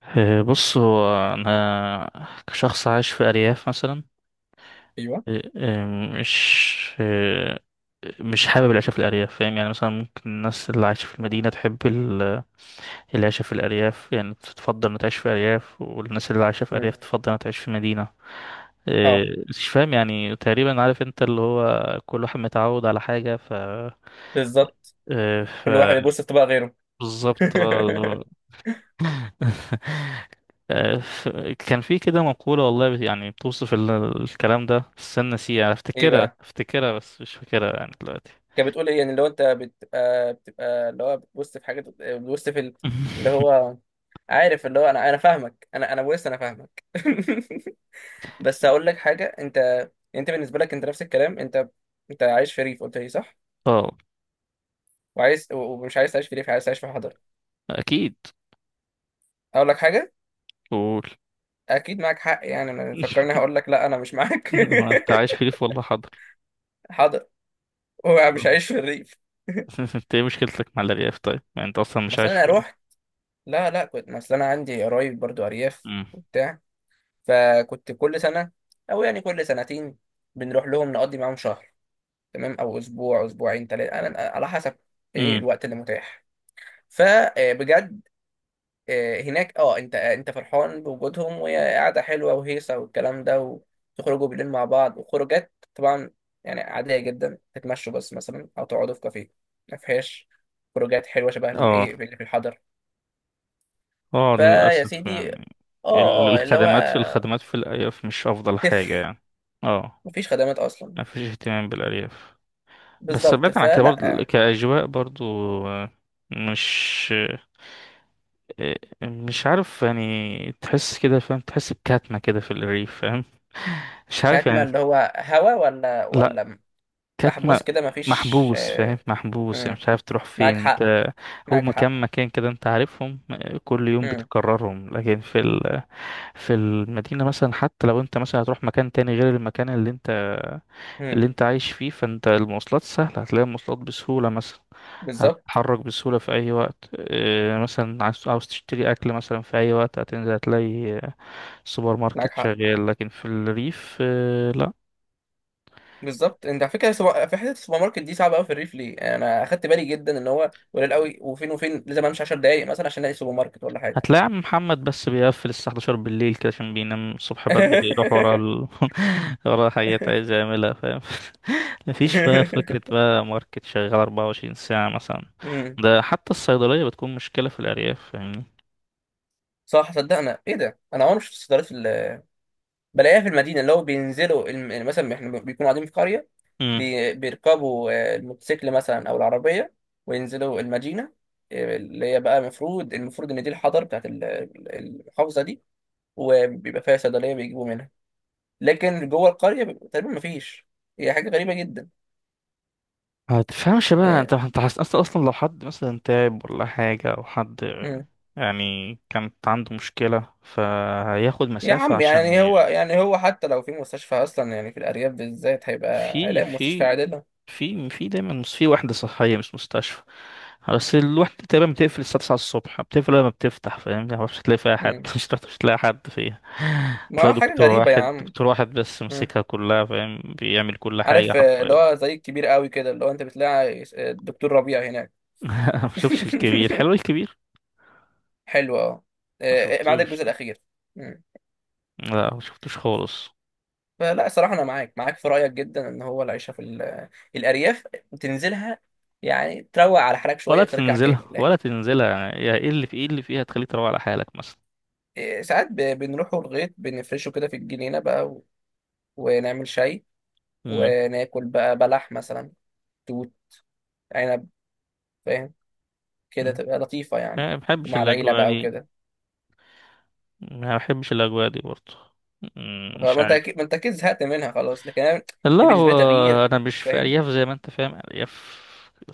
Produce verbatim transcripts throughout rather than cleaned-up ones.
إيه، بص هو أنا كشخص عايش في أرياف مثلا. ايوه. إيه، إيه، مش إيه، مش حابب العيشة في الأرياف، فاهم؟ يعني مثلا ممكن الناس اللي عايشة في المدينة تحب ال- العيشة في الأرياف، يعني تفضل إنها تعيش في أرياف، والناس اللي عايشة في مم. أرياف تفضل إنها تعيش في مدينة. اه، إيه، مش فاهم يعني، تقريبا عارف، أنت اللي هو كل واحد متعود على حاجة، ف بالظبط. إيه، ف كل واحد بيبص في طبق غيره. بالظبط. آه، ف- كان في كده مقولة والله بت- يعني بتوصف ال- الكلام ده، بس أنا نسيها، ايه أفتكرها بقى؟ أفتكرها بس مش فاكرها يعني دلوقتي. كانت بتقول ايه؟ يعني لو انت بتبقى بتبقى اللي هو بتبص في حاجه، بتبص في ال- اللي هو عارف، اللي هو انا انا فاهمك، انا انا بص انا فاهمك. بس هقول لك حاجه، انت انت بالنسبه لك انت نفس الكلام، انت انت عايش في ريف، قلت لي صح؟ اه وعايز و- ومش عايز تعيش في ريف، عايز تعيش في حضر. أكيد. اقول لك حاجه، قول. اكيد معاك حق يعني، انا فكرني هقول لك لا انا مش معاك. ما أنت عايش في ريف، والله حاضر. حاضر، هو مش عايش في الريف. بس أنت إيه مشكلتك مع الأرياف طيب؟ يعني أنت أصلا مش مثلا عايش انا في ريف. اروح، لا لا، كنت مثلا انا عندي قرايب برضو ارياف أمم. وبتاع. فكنت كل سنه، او يعني كل سنتين، بنروح لهم نقضي معاهم شهر، تمام، او اسبوع اسبوعين ثلاثه، انا على حسب ايه أمم. الوقت اللي متاح. فبجد هناك، اه انت آه، انت فرحان بوجودهم، وهي قاعده حلوه وهيصه والكلام ده، وتخرجوا بالليل مع بعض وخروجات طبعا، يعني عاديه جدا تتمشوا بس مثلا، او تقعدوا في كافيه. ما فيهاش خروجات حلوه شبه اه الايه اللي في الحضر. اه، فيا للأسف سيدي. اه. يعني، ال- اه، اللي هو الخدمات في الخدمات في الأرياف مش أفضل حاجة صفر. يعني. اه، مفيش خدمات اصلا. مفيش اهتمام بالأرياف. بس بالظبط بعيدا عن كده، برضه فلا، كأجواء برضه، آه، مش آه، مش عارف يعني، تحس كده، فاهم؟ تحس بكتمة كده في الريف، فاهم؟ مش عارف كاتما، يعني. اللي هو هوا، ولا لا، ولا كتمة. محبوس كده، مفيش محبوس، فاهم؟ آه، محبوس، يعني مم. مش عارف تروح معاك فين حق. انت. هو معاك حق. مكان مكان كده انت عارفهم، آه، كل يوم مم. بتكررهم، لكن في ال... في المدينة مثلا، حتى لو انت مثلا هتروح مكان تاني غير المكان اللي انت مم. اللي انت عايش فيه، فانت المواصلات سهلة، هتلاقي المواصلات بسهولة مثلا، بالظبط. هتتحرك بسهولة في أي وقت. اه، مثلا عايز عاوز تشتري أكل مثلا في أي وقت، هتنزل هتلاقي اه، السوبر معاك ماركت حق. شغال. لكن في الريف، اه، لا. بالظبط. انت على فكره، سو- في حته السوبر ماركت دي صعبه قوي في الريف ليه، يعني انا اخدت بالي جدا ان هو قليل قوي، وفين وفين لازم امشي 10 دقائق مثلا عشان الاقي سوبر ماركت ولا حاجه. هتلاقي عم محمد بس بيقفل الساعة الحادية عشر بالليل كده، عشان بينام الصبح بدري يروح ورا ال... ورا حاجات عايز يعملها، فاهم؟ مفيش بقى فكرة بقى ماركت شغال 24 ساعة مثلا. مم. ده حتى الصيدلية بتكون مشكلة في الأرياف، فاهمني؟ صح، صدقنا. ايه ده، انا عمري ما شفت صيدليه بلاقيها في المدينه. اللي هو بينزلوا الم- يعني مثلا احنا بيكونوا قاعدين في قريه، بي- بيركبوا آه، الموتوسيكل مثلا او العربيه وينزلوا المدينه آه، اللي هي بقى المفروض، المفروض ان دي الحضر بتاعت ال- ال- المحافظه دي، وبيبقى فيها صيدليه بيجيبوا منها. لكن جوه القريه بيبقى تقريبا مفيش، هي حاجه غريبه جدا ما تفهمش بقى انت، يعني. انت حاسس اصلا؟ اصلا لو حد مثلا تعب ولا حاجة، او حد مم. يعني كانت عنده مشكلة، فهياخد يا مسافة عم عشان يعني هو، يعني. يعني هو حتى لو في مستشفى اصلا، يعني في الارياف بالذات هيبقى في هيلاقي مستشفى في عادله. في في دايما مس- في وحدة صحية مش مستشفى، بس الوحدة تقريبا بتقفل الساعة التاسعة الصبح، بتقفل لما بتفتح، فاهم يعني؟ مش هتلاقي فيها حد. مم. مش هتعرف- مش هتلاقي حد فيها. ما هو هتلاقي حاجه دكتور غريبه يا واحد عم. دكتور واحد بس مم. ماسكها كلها، فاهم؟ بيعمل كل حاجة عارف آه، اللي حرفيا. هو زي الكبير قوي كده، اللي هو انت بتلاقي آه، الدكتور ربيع هناك. ما شفتش الكبير. حلو الكبير. حلو. اه ما آه، ما عدا شفتوش. الجزء الاخير. مم. لا ما شفتوش خالص. فلا صراحة انا معاك، معاك في رأيك جدا، ان هو العيشة في ال- الارياف تنزلها يعني تروق على حالك شوية ولا وترجع تنزلها، تاني، لا. ولا تنزلها. يعني يا ايه اللي في، ايه اللي فيها تخليك تروح على حالك مثلا؟ آه، ساعات ب- بنروحوا الغيط بنفرشه كده في الجنينة بقى، و- ونعمل شاي، امم. وناكل بقى بلح مثلا، توت، عنب، فاهم، كده أمم. تبقى لطيفة يعني، ما بحبش ومع العيلة الاجواء بقى دي. وكده. ما بحبش الاجواء دي برضه. أمم، خلاص، مش ما انت عارف. اكيد، ما انت اكيد زهقت منها خلاص، لكن انا لا دي هو بالنسبه لي تغيير. انا مش في فاهم. ارياف زي ما انت فاهم ارياف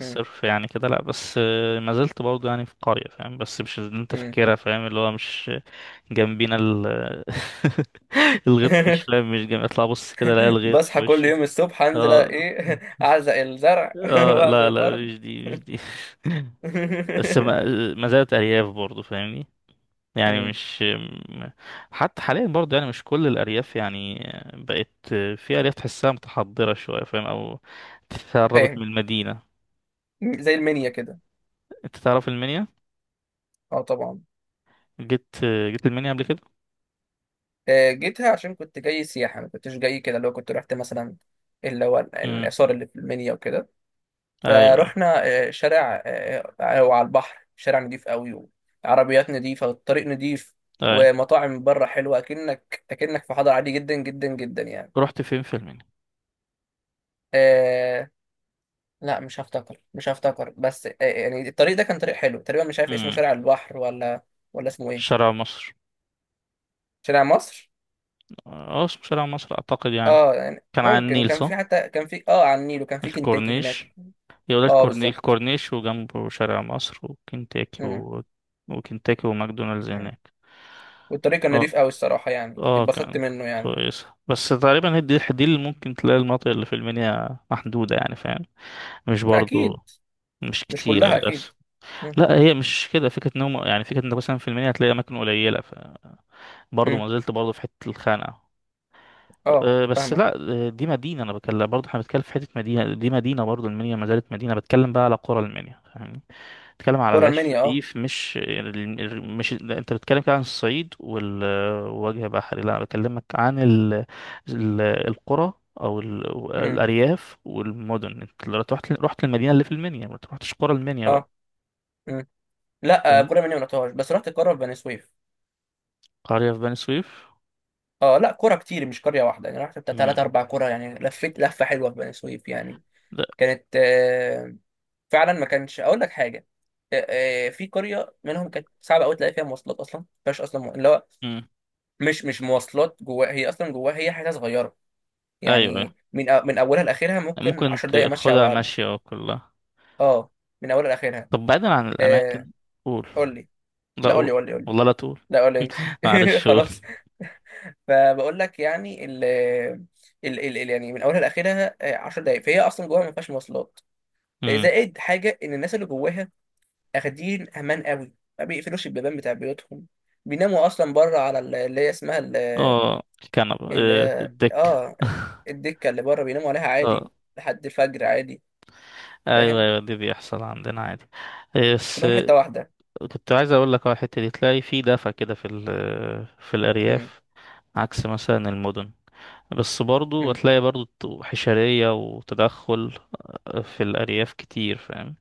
مم. يعني كده، لا، بس آه، ما زلت برضه يعني في قرية، فاهم؟ بس مش اللي انت مم. فاكرها، فاهم؟ اللي هو مش جنبينا ال الغيط، مش فاهم، مش جنب اطلع بص كده الاقي الغيط في بصحى كل وشي. يوم الصبح انزل اه ايه، اعزق الزرع، اه، واعزق لا لا، الارض. مش دي، مش دي. بس ما، ما زالت ارياف برضه، فاهمني؟ يعني مم. مش م- حتى حاليا برضه يعني مش كل الارياف يعني بقت. في ارياف تحسها متحضره شويه، فاهم؟ او تقربت من فاهم. المدينه. زي المنيا كده. انت تعرف المنيا؟ اه طبعا. جيت جيت المنيا قبل كده؟ آه، جيتها عشان كنت جاي سياحه، ما كنتش جاي كده، اللي هو كنت رحت مثلا اللي هو ال- امم. الاثار اللي في المنيا وكده. ايوه، فروحنا آه، شارع آه، آه، وعلى البحر، شارع نضيف قوي، وعربيات نضيفة، والطريق نضيف، ايوه، أيوة. ومطاعم من بره حلوة، أكنك أكنك في حضر عادي جدا جدا جدا يعني. رحت فين في المنيا؟ آه لا مش هفتكر، مش هفتكر، بس آه يعني الطريق ده كان طريق حلو تقريبا، مش عارف اسمه امم. شارع البحر، ولا ولا اسمه ايه. شارع مصر. شارع مصر. اه، اسمه شارع مصر اعتقد يعني. اه يعني كان على ممكن، النيل، وكان صح؟ في، حتى كان في اه على النيل، وكان في كنتاكي هناك. الكورنيش. يقول لك اه الكورني- بالظبط. الكورنيش، وجنبه شارع مصر وكنتاكي مم. و... وكنتاكي وماكدونالدز مم. هناك. والطريق كان اه نضيف قوي الصراحة يعني، اه، اتبسطت كان منه يعني. كويس. بس تقريبا هي دي دي اللي ممكن تلاقي، المناطق اللي في المنيا محدودة يعني، فاهم؟ مش لا، برضو أكيد. مش مش كتير، كلها اكيد. للأسف. مم. لا، هي مش كده فكرة إن هم يعني، فكرة إنك مثلا في المنيا هتلاقي أماكن قليلة، ف برضه مم. ما زلت برضه في حتة الخانقة. اه أه، بس لا، فاهمك. أه، دي مدينة، أنا بتكلم، برضه احنا بنتكلم في حتة مدينة، دي مدينة برضه، المنيا ما زالت مدينة، بتكلم بقى على قرى المنيا، فاهمني؟ بتتكلم على كرة العيش المنيا، اه. الرغيف، مش، مش، لا، انت بتتكلم كده عن الصعيد والوجه بحري، لا انا بكلمك عن ال... ال... القرى، او ال... مم. الارياف والمدن، انت لو رحت، رحت المدينه اللي في المنيا، ما تروحتش قرى المنيا بقى. اه. مم. لا، آه، فاهم. كرة المنيا ما رحتهاش، بس رحت القرى في بني سويف. قريه في بني سويف. اه لا، كرة كتير مش قرية واحدة يعني، رحت بتاع مم. تلات أربع كرة يعني، لفيت لفة حلوة في بني سويف يعني. لا. كانت آه، فعلا ما كانش، أقول لك حاجة آه، آه، في قرية منهم كانت صعبة أوي، تلاقي فيها مواصلات أصلا ما فيهاش أصلا، مو- اللي هو مم. مش مش مواصلات جواها، هي أصلا جواها هي حتة صغيرة ايوه، أيوة. يعني، من أ- من أولها لآخرها ممكن ممكن 10 دقايق مشي أو تاخدها أقل. ماشيه كلها. اه، من أولها لآخرها طب بعيدا عن آه، الاماكن. قول. قول لي. لا لا قول قول. لي، قول لي، قول لي. والله لا تقول. لا قول لي انت. معلش قول. خلاص. فبقول لك يعني ال ال ال ال- يعني من اولها لاخرها آه، 10 دقائق، فهي اصلا جواها ما فيهاش مواصلات آه، مم. زائد حاجه ان الناس اللي جواها اخدين امان قوي، ما بيقفلوش البيبان بتاع بيوتهم، بيناموا اصلا بره على ال- اللي هي اسمها ال- اه، كنبه. اللي آه، هي الدك اه الدكه اللي بره، بيناموا عليها عادي اه. لحد الفجر عادي. ايوه فاهم، ايوه، دي بيحصل عندنا عادي. إيه، بس كلهم حته إيه، واحده. كنت عايز اقول لك على الحته دي، تلاقي في دفع كده في ال- في مم. الارياف، عكس مثلا المدن. بس برضو مم. هتلاقي برضو حشريه، وتدخل آه، في الارياف كتير، فاهم؟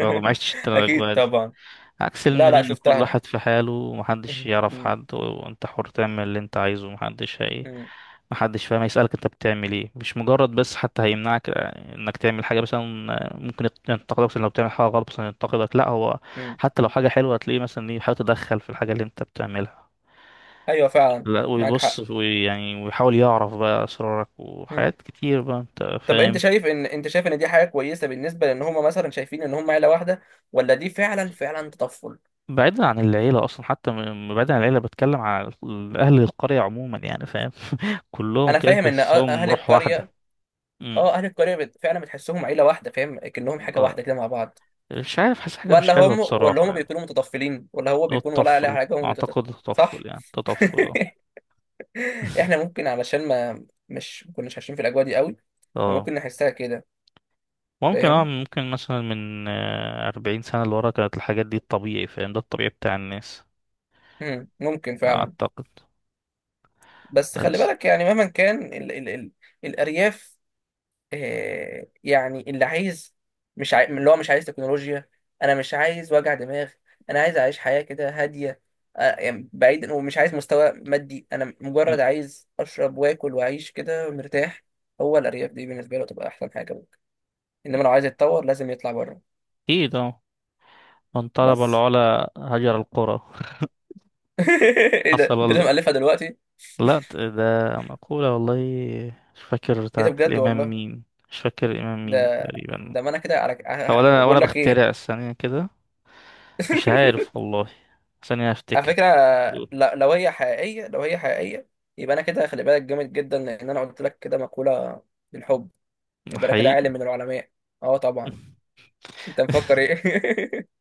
برضو ما عشتش انت اكيد الاجواء دي. طبعا. عكس لا لا، المدينة، كل شفتها. واحد في حاله، ومحدش يعرف مم. حد، وانت حر تعمل اللي انت عايزه، ومحدش هي ايه، محدش فاهم هيسألك انت بتعمل ايه، مش مجرد بس حتى هيمنعك انك تعمل حاجة مثلا. ممكن يت- ينتقدك مثلاً لو بتعمل حاجة غلط مثلا، ينتقدك. لا هو مم. حتى لو حاجة حلوة هتلاقيه مثلا ايه بيحاول يتدخل في الحاجة اللي انت بتعملها. ايوه فعلا. لا، معاك حق. ويبص ويعني ويحاول يعرف بقى أسرارك مم. وحاجات كتير بقى، انت طب انت فاهم. شايف ان، انت شايف ان دي حاجه كويسه بالنسبه لان هم مثلا شايفين ان هم عيله واحده، ولا دي فعلا فعلا تطفل؟ بعيدا عن العيلة أصلا، حتى م- بعيدا عن العيلة، بتكلم على ال- أهل القرية عموما يعني، فاهم؟ كلهم انا كده فاهم ان أ- تحسهم اهل روح واحدة. القريه، امم. اه اهل القريه بت- فعلا بتحسهم عيله واحده فاهم، كأنهم حاجه اه، واحده كده مع بعض. مش عارف، حاسس حاجة مش ولا حلوة هم، ولا بصراحة هم يعني. بيكونوا متطفلين، ولا هو هو بيكون، ولا عليها التطفل، حاجه هم بيتطفل؟ أعتقد صح. التطفل، يعني التطفل اه. احنا ممكن علشان ما مش ما كناش عايشين في الاجواء دي قوي، فممكن اه، نحسها كده، ممكن اه، فاهم. ممكن مثلا من آه، أربعين سنة لورا كانت الحاجات دي الطبيعي، فاهم؟ ده الطبيعي بتاع الناس. مم. ممكن فعلا. أعتقد. بس خلي بس. بالك يعني، مهما كان ال ال ال الأرياف، آه، يعني اللي عايز، مش عاي... اللي هو مش عايز تكنولوجيا، انا مش عايز وجع دماغ، انا عايز اعيش حياة كده هادية، آه، يعني بعيدا، ومش عايز مستوى مادي، انا أمم، مجرد عايز اشرب واكل واعيش كده مرتاح، هو الارياف دي بالنسبة له تبقى احسن حاجة ممكن، انما لو عايز يتطور لازم يطلع بره. أكيد اه. من طلب بس. العلا هجر القرى. ايه ده، انت حصل. لازم الفها دلوقتي؟ لا، ت- ده مقولة والله، مش فاكر ايه ده بتاعت بجد الإمام والله، مين، مش فاكر الإمام مين ده تقريبا. ده ما انا كده، على أو ه- ه- أنا أو أنا بقول لك ايه. بخترع ثانية كده، مش عارف والله، ثانية على أفتكر. فكرة، ل- لو هي حقيقية، لو هي حقيقية، يبقى أنا كده خلي بالك، جامد جدا، لأن أنا قلت لك كده مقولة بالحب، يبقى أنا كده حقيقي. عالم من العلماء. أه طبعا، أنت مفكر إيه؟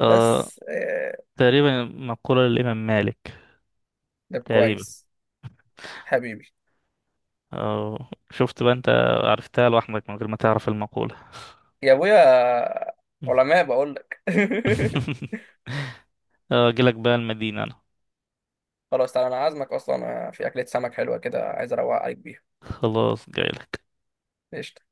آه. بس آه، تقريبا مقولة للإمام مالك، ده تقريبا. كويس. حبيبي. آه، شفت بقى أنت؟ عرفتها لوحدك من غير ما تعرف المقولة. يا أبويا، علماء بقول لك. آه، أجيلك بقى المدينة أنا. خلاص تعالى، أنا عازمك أصلا في أكلة سمك حلوة كده، عايز أروق عليك بيها. خلاص جايلك. قشطة.